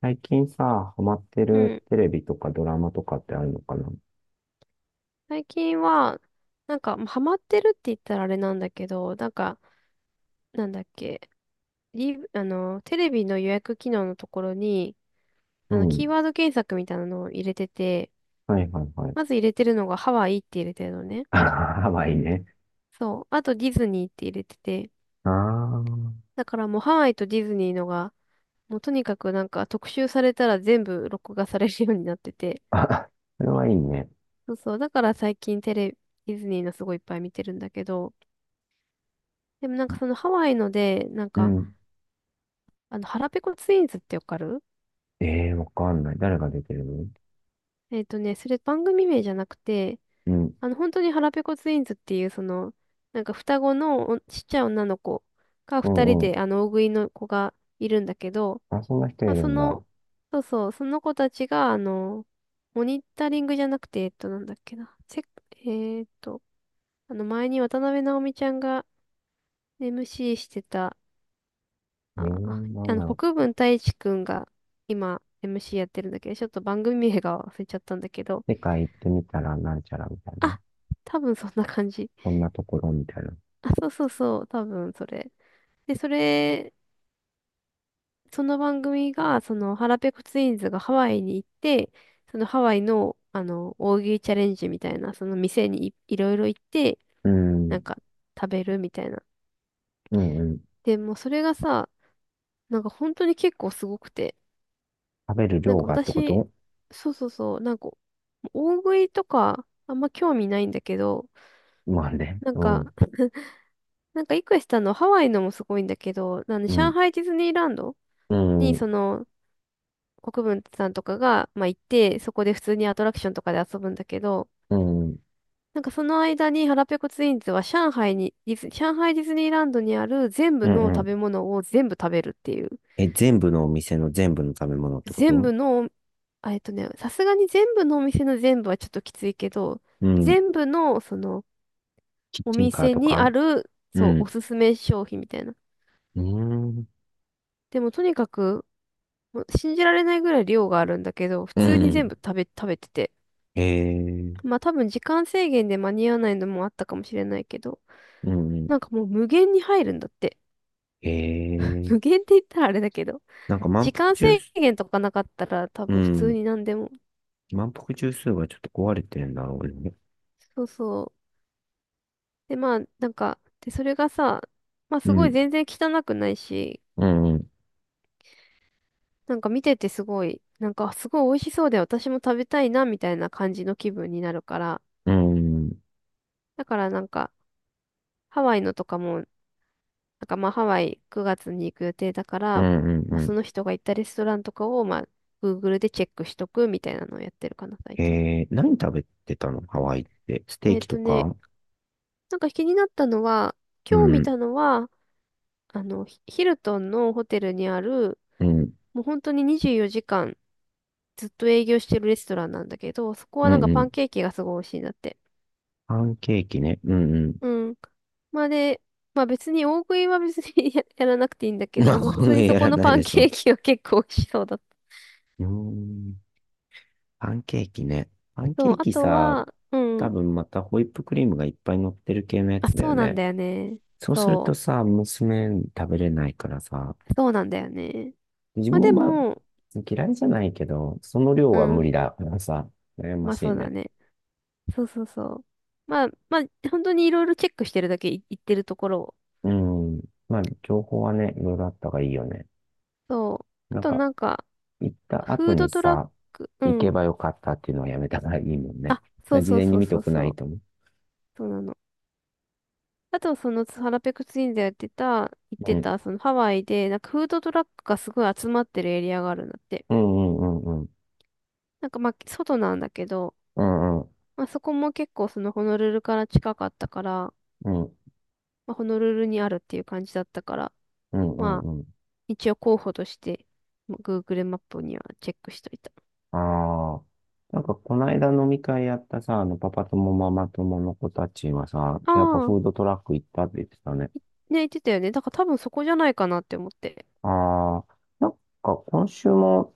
最近さ、ハマってうるん。テレビとかドラマとかってあるのかな？最近は、なんか、まあハマってるって言ったらあれなんだけど、なんか、なんだっけ、テレビの予約機能のところに、うキーん。ワード検索みたいなのを入れてて、はいはいはい。まず入れてるのがハワイって入れてるのね。ハまあいいね。そう。あとディズニーって入れてて、あだからもうハワイとディズニーのが、もうとにかくなんか特集されたら全部録画されるようになってて、あ。あ、それはいいね。そうそう。だから最近テレビ、ディズニーのすごいいっぱい見てるんだけど、でもなんかそのハワイので、なんうか、ん。腹ペコツインズってわかるええー、わかんない。誰が出てるの？それ番組名じゃなくて、うん。本当に腹ペコツインズっていう、なんか双子のおちっちゃい女の子がう二人んうで、ん。大食いの子がいるんだけど、あ、そんな人いまあ、るんだ。そうそう、その子たちが、モニタリングじゃなくて、なんだっけな、えっと、前に渡辺直美ちゃんが MC してた、ええあ、ー、なんだろ国分太一くんが今、MC やってるんだけど、ちょっと番組名が忘れちゃったんだけど、う。世界行ってみたらなんちゃらみたいな。あ、多分そんな感じ。こんなところみたいな。あ、そうそうそう、多分それ。で、それ、その番組が、腹ペコツインズがハワイに行って、そのハワイの、大食いチャレンジみたいな、その店にいろいろ行って、うなんん。か、食べるみたいな。うんうん。で、もうそれがさ、なんか本当に結構すごくて、食べるなん量かがってこ私、と？そうそうそう、なんか、大食いとか、あんま興味ないんだけど、まあね。なんうか ん。なんか、いくしさんのハワイのもすごいんだけど、う上ん。海ディズニーランドうん。に、うん。国分さんとかが、まあ、行って、そこで普通にアトラクションとかで遊ぶんだけど、うん。うなんかその間に腹ペコツインズは上海に、ディズ、上海ディズニーランドにある全部ん。うの食べん。物を全部食べるっていう。え、全部のお店の全部の食べ物ってこ全と？部の、さすがに全部のお店の全部はちょっときついけど、うん。全部の、キッおチンカー店とにか？ある、うそう、おん。すすめ商品みたいな。うーん。でもとにかくもう信じられないぐらい量があるんだけど、普う通に全ん。部食べてて。ええ。まあ多分時間制限で間に合わないのもあったかもしれないけど、うんうん。なんかもう無限に入るんだって。え 無え。限って言ったらあれだけど、なんか満時腹間制中枢、限とかなかったら多う分普通ん。に何でも。満腹中枢がちょっと壊れてるんだろうね。そうそう。で、まあなんか、で、それがさ、まあうすごいん。全然汚くないし、うん。うん。なんか見ててすごい、なんかすごい美味しそうで私も食べたいなみたいな感じの気分になるから、うん。だからなんか、ハワイのとかもなんかまあハワイ9月に行く予定だかうら、ん。うまあ、そん。の人が行ったレストランとかをまあ Google でチェックしとくみたいなのをやってるかな、最近。ええ、何食べてたのハワイって。ステーえっキととね、か？なんか気になったのは、う今日見ん。たのは、ヒヒルトンのホテルにある、うん。もう本当に24時間ずっと営業してるレストランなんだけど、そこはうなんん。かうパンん。ケーキがすごい美味しいんだって。パンケーキね。うん。うん。うん。まあで、まあ別に大食いは別に やらなくていいんだ けまど、あ、まあ普こ通にれそやこらのないパでンしょ。ケうーキは結構美味しそうだった。ーん。パンケーキね。パンケそう、ーあキとさ、は、う多ん分またホイップクリームがいっぱい乗ってる系のやあ、つだそようなんね。だよね。そうするとそさ、娘食べれないからさ、う。そうなんだよね。自まあ分もでまあ、も、嫌いじゃないけど、その量うは無ん。理だからさ、悩ままあしそいうだね。ね。そうそうそう。まあ、まあ、本当にいろいろチェックしてるだけい言ってるところを。うん。まあ、情報はね、いろいろあった方がいいよね。そう。あなんとか、なんか、行ったフ後ードにトラッさ、ク、う行けん。ばよかったっていうのはやめた方がいいもんね。だかあ、そらう事そう前にそう見とそうくそないう。と思う。そうなの。あと、ハラペクツインでやってた、言っうてん。た、そのハワイで、なんかフードトラックがすごい集まってるエリアがあるんだって。うんうんうんうん。なんかまあ、外なんだけど、うんうん。まあそこも結構そのホノルルから近かったから、うんまあ、ホノルルにあるっていう感じだったから、うんうんまあ、うん。一応候補として、まあ Google マップにはチェックしといた。ああ。なんか、この間飲み会やったさ、パパ友ママ友の子たちはさ、あやっぱあ、フードトラック行ったって言ってたね。言ってたよね。だから多分そこじゃないかなって思って。ああ。なんか、今週も、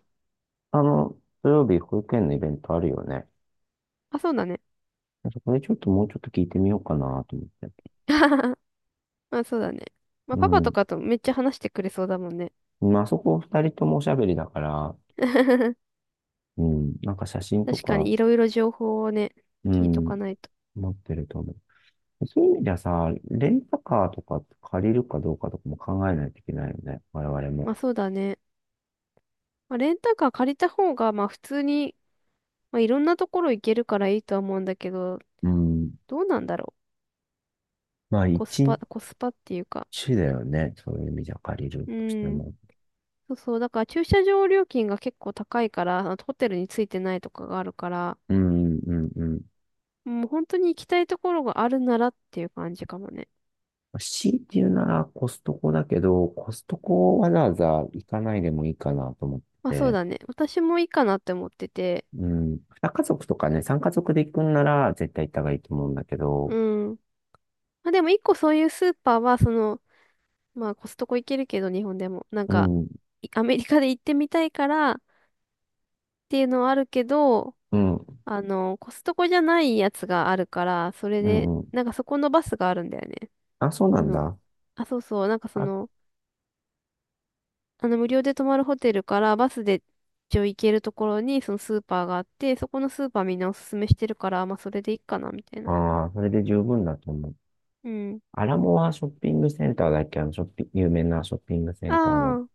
あの、土曜日保育園のイベントあるよね。あ、そうだね。そこでちょっともうちょっと聞いてみようかなと思って。まあ、そうだね。まあ、うパパとん。かとめっちゃ話してくれそうだもんね。まあ、そこ二人ともおしゃべりだから、うん。なんか写真と確かか、にいろいろ情報をね、う聞いとん、かないと。持ってると思う。そういう意味ではさ、レンタカーとか借りるかどうかとかも考えないといけないよね。我々も。まあ、そうだね。まあ、レンタカー借りた方が、まあ、普通に、まあ、いろんなところ行けるからいいとは思うんだけど、うん。どうなんだろう。まあ、コス一パ、コスパっていうか。日だよね。そういう意味じゃ借りるうとしてん。も。そうそう。だから駐車場料金が結構高いから、あのホテルについてないとかがあるから、うん、うん、うん。もう本当に行きたいところがあるならっていう感じかもね。ま、強いて言うならコストコだけど、コストコわざわざ行かないでもいいかなと思ってまあそうて。だね。私もいいかなって思ってて。うん。2家族とかね、3家族で行くんなら絶対行った方がいいと思うんだけうど。ん。まあでも一個そういうスーパーは、まあコストコ行けるけど日本でも、なんうか、ん、アメリカで行ってみたいからっていうのはあるけど、うん、コストコじゃないやつがあるから、それうで、ん、うん。なんかそこのバスがあるんだよね。あ、そうなあんの、だ。あ、そうそう、なんかそあ、の、無料で泊まるホテルからバスで一応行けるところにそのスーパーがあって、そこのスーパーみんなおすすめしてるから、まあそれでいいかな、みたいな。あー、それで十分だと思う。うん。アラモアショッピングセンターだっけ。あの、ショッピ、有名なショッピングセンターの。ああ、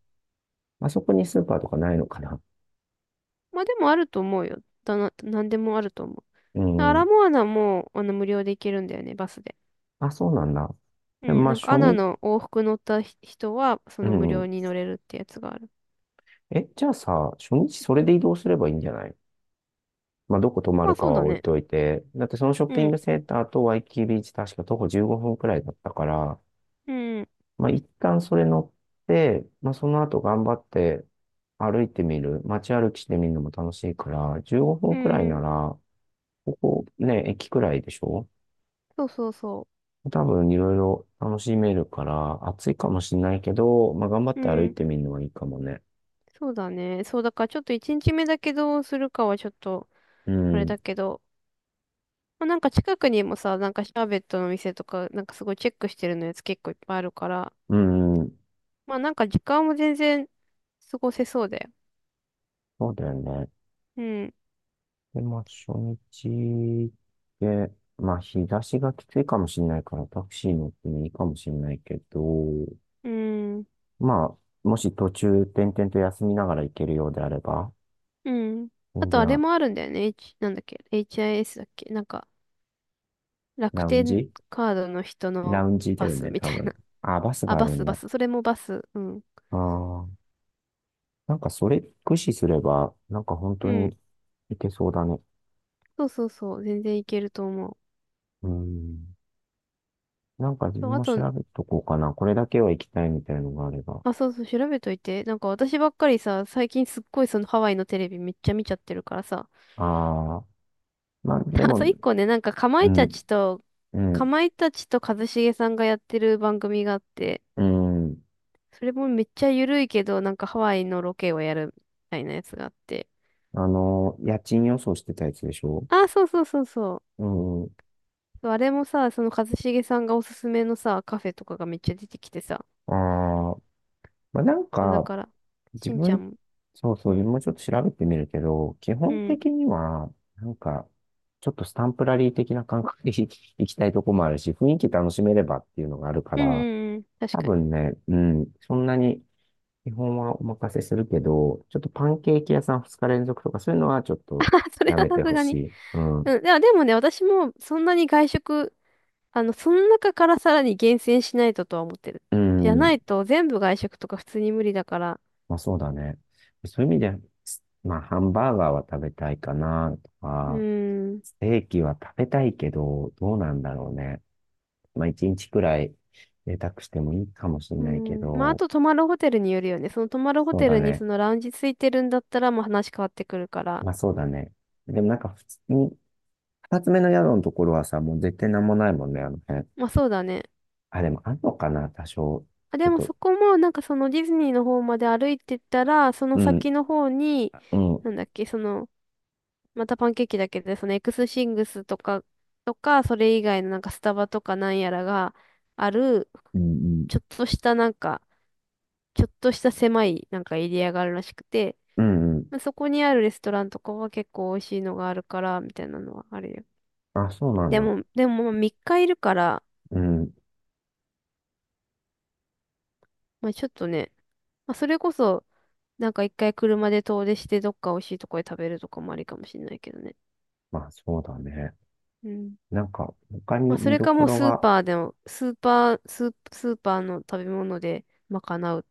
まあそこにスーパーとかないのかな？まあでもあると思うよ。だな、なんでもあると思うう。アラん。モアナも、無料で行けるんだよね、バスで。あ、そうなんだ。うで、ん、まあ、なんか初アナ日、の往復乗った人は、そうの無料ん。に乗れるってやつがある。え、じゃあさ、初日それで移動すればいいんじゃない？まあ、どこ泊ままるあかそうはだ置いね。といて。だってそのショッピうンん、グセンターとワイキキビーチ確か徒歩15分くらいだったから、うん、まあ、一旦それ乗って、まあ、その後頑張って歩いてみる。街歩きしてみるのも楽しいから、15う分くらいなん、ら、ここね、駅くらいでしょ？そうそうそ多分いろいろ楽しめるから、暑いかもしれないけど、まあ、頑張っう。うて歩いん、てみるのはいいかもね。そうだね。そうだからちょっと1日目だけどうするかはちょっと、うあれん。だけど、まあ、なんか近くにもさ、なんかシャーベットの店とか、なんかすごいチェックしてるのやつ結構いっぱいあるから、うん、まあなんか時間も全然過ごせそうだよ。そうだよね。うん、で、まあ、初日で、まあ、日差しがきついかもしれないから、タクシー乗ってもいいかもしれないけど、うん、まあ、もし途中、点々と休みながら行けるようであれば、うん。あ全とあれ然、もあるんだよね。なんだっけ ?HIS だっけなんか楽ラウン天ジカードの人ラのウンジだバよスね、み多たい分。な。あ、バスあ、があバるス、んバだ。ス。それもバス。うん。ああ、なんかそれ駆使すれば、なんか本当うん。に行けそうだね。そうそうそう。全然いけると思う。うん。なんか自そう、分あも調と、べとこうかな。これだけは行きたいみたいなのがあれば。あ、そうそう、調べといて。なんか私ばっかりさ、最近すっごいそのハワイのテレビめっちゃ見ちゃってるからさ、ああ。まあ、で あとも、一個ね、なんかかまういたん、ちと、うかん、まいたちと一茂さんがやってる番組があって、うん。それもめっちゃゆるいけど、なんかハワイのロケをやるみたいなやつがあって。家賃予想してたやつでしょ？あ、そうそうそうそう。うん。そうあれもさ、その一茂さんがおすすめのさ、カフェとかがめっちゃ出てきてさ。ああ、まあ、なんそうだか、から、自しんちゃ分、んも、そうそうう、自分ん、もちょっと調べてみるけど、基う本ん、的には、なんか、ちょっとスタンプラリー的な感覚で 行きたいとこもあるし、雰囲気楽しめればっていうのがあるかうん、ら、うん、うん、確多かに。分ね、うん、そんなに基本はお任せするけど、ちょっとパンケーキ屋さん2日連続とかそういうのはちょっ あ、とそれやはめさてすほがしに。い。うん。うん、いや、でもね、私もそんなに外食その中からさらに厳選しないととは思ってる。うじゃなん。いと全部外食とか普通に無理だから。まあそうだね。そういう意味で、まあハンバーガーは食べたいかなとうか、ーん。ステーキは食べたいけど、どうなんだろうね。まあ一日くらい贅沢してもいいかもしれうーないけん。まあ、あど、と泊まるホテルによるよね。その泊まるホそうテだルにね。そのラウンジついてるんだったらまあ話変わってくるから。まあそうだね。でもなんか普通に、二つ目の宿のところはさ、もう絶対なんもないもんね、あの辺。まあそうだね。あ、でもあんのかな、多少。あ、ちょでっもと、そこもなんかそのディズニーの方まで歩いてったら、そのうん、先の方に、うん、うん、なんだっけ、またパンケーキだけで、そのエクスシングスとか、それ以外のなんかスタバとかなんやらがある、うん、ちょっとしたなんか、ちょっとした狭いなんかエリアがあるらしくて、うんうん。まあ、そこにあるレストランとかは結構美味しいのがあるから、みたいなのはあるよ。あ、そうなんでだ。も、でもまあ3日いるから、うん。まあちょっとね、まあそれこそ、なんか一回車で遠出してどっか美味しいとこで食べるとかもありかもしれないけどね。まあそうだね。うん。なんか他まあにそ見れどかこもうろスーが、パーでも、スーパー、スー、スーパーの食べ物で賄う。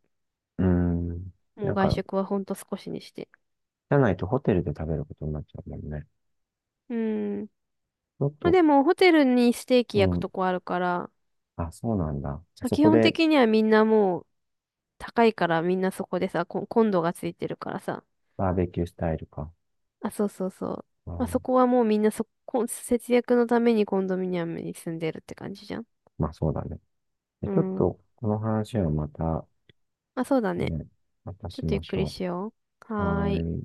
うん。もなうん外か、食はほんと少しにして。じゃないとホテルで食べることになっちゃうもんね。うん。ちょっまあと、でもホテルにステーキう焼くん。とこあるから、あ、そうなんだ。じゃあまあそ基こ本で、的にはみんなもう高いからみんなそこでさ、コンドがついてるからさ。バーベキュースタイルか。あ、そうそうそう。うまあ、そん、こはもうみんなそこ、節約のためにコンドミニアムに住んでるって感じじゃん。まあそうだね。でうちょっん。と、この話はまた、まあ、そうだね。ね、またちょしっとゆまっしくりょしよう。う。ははーい。ーい。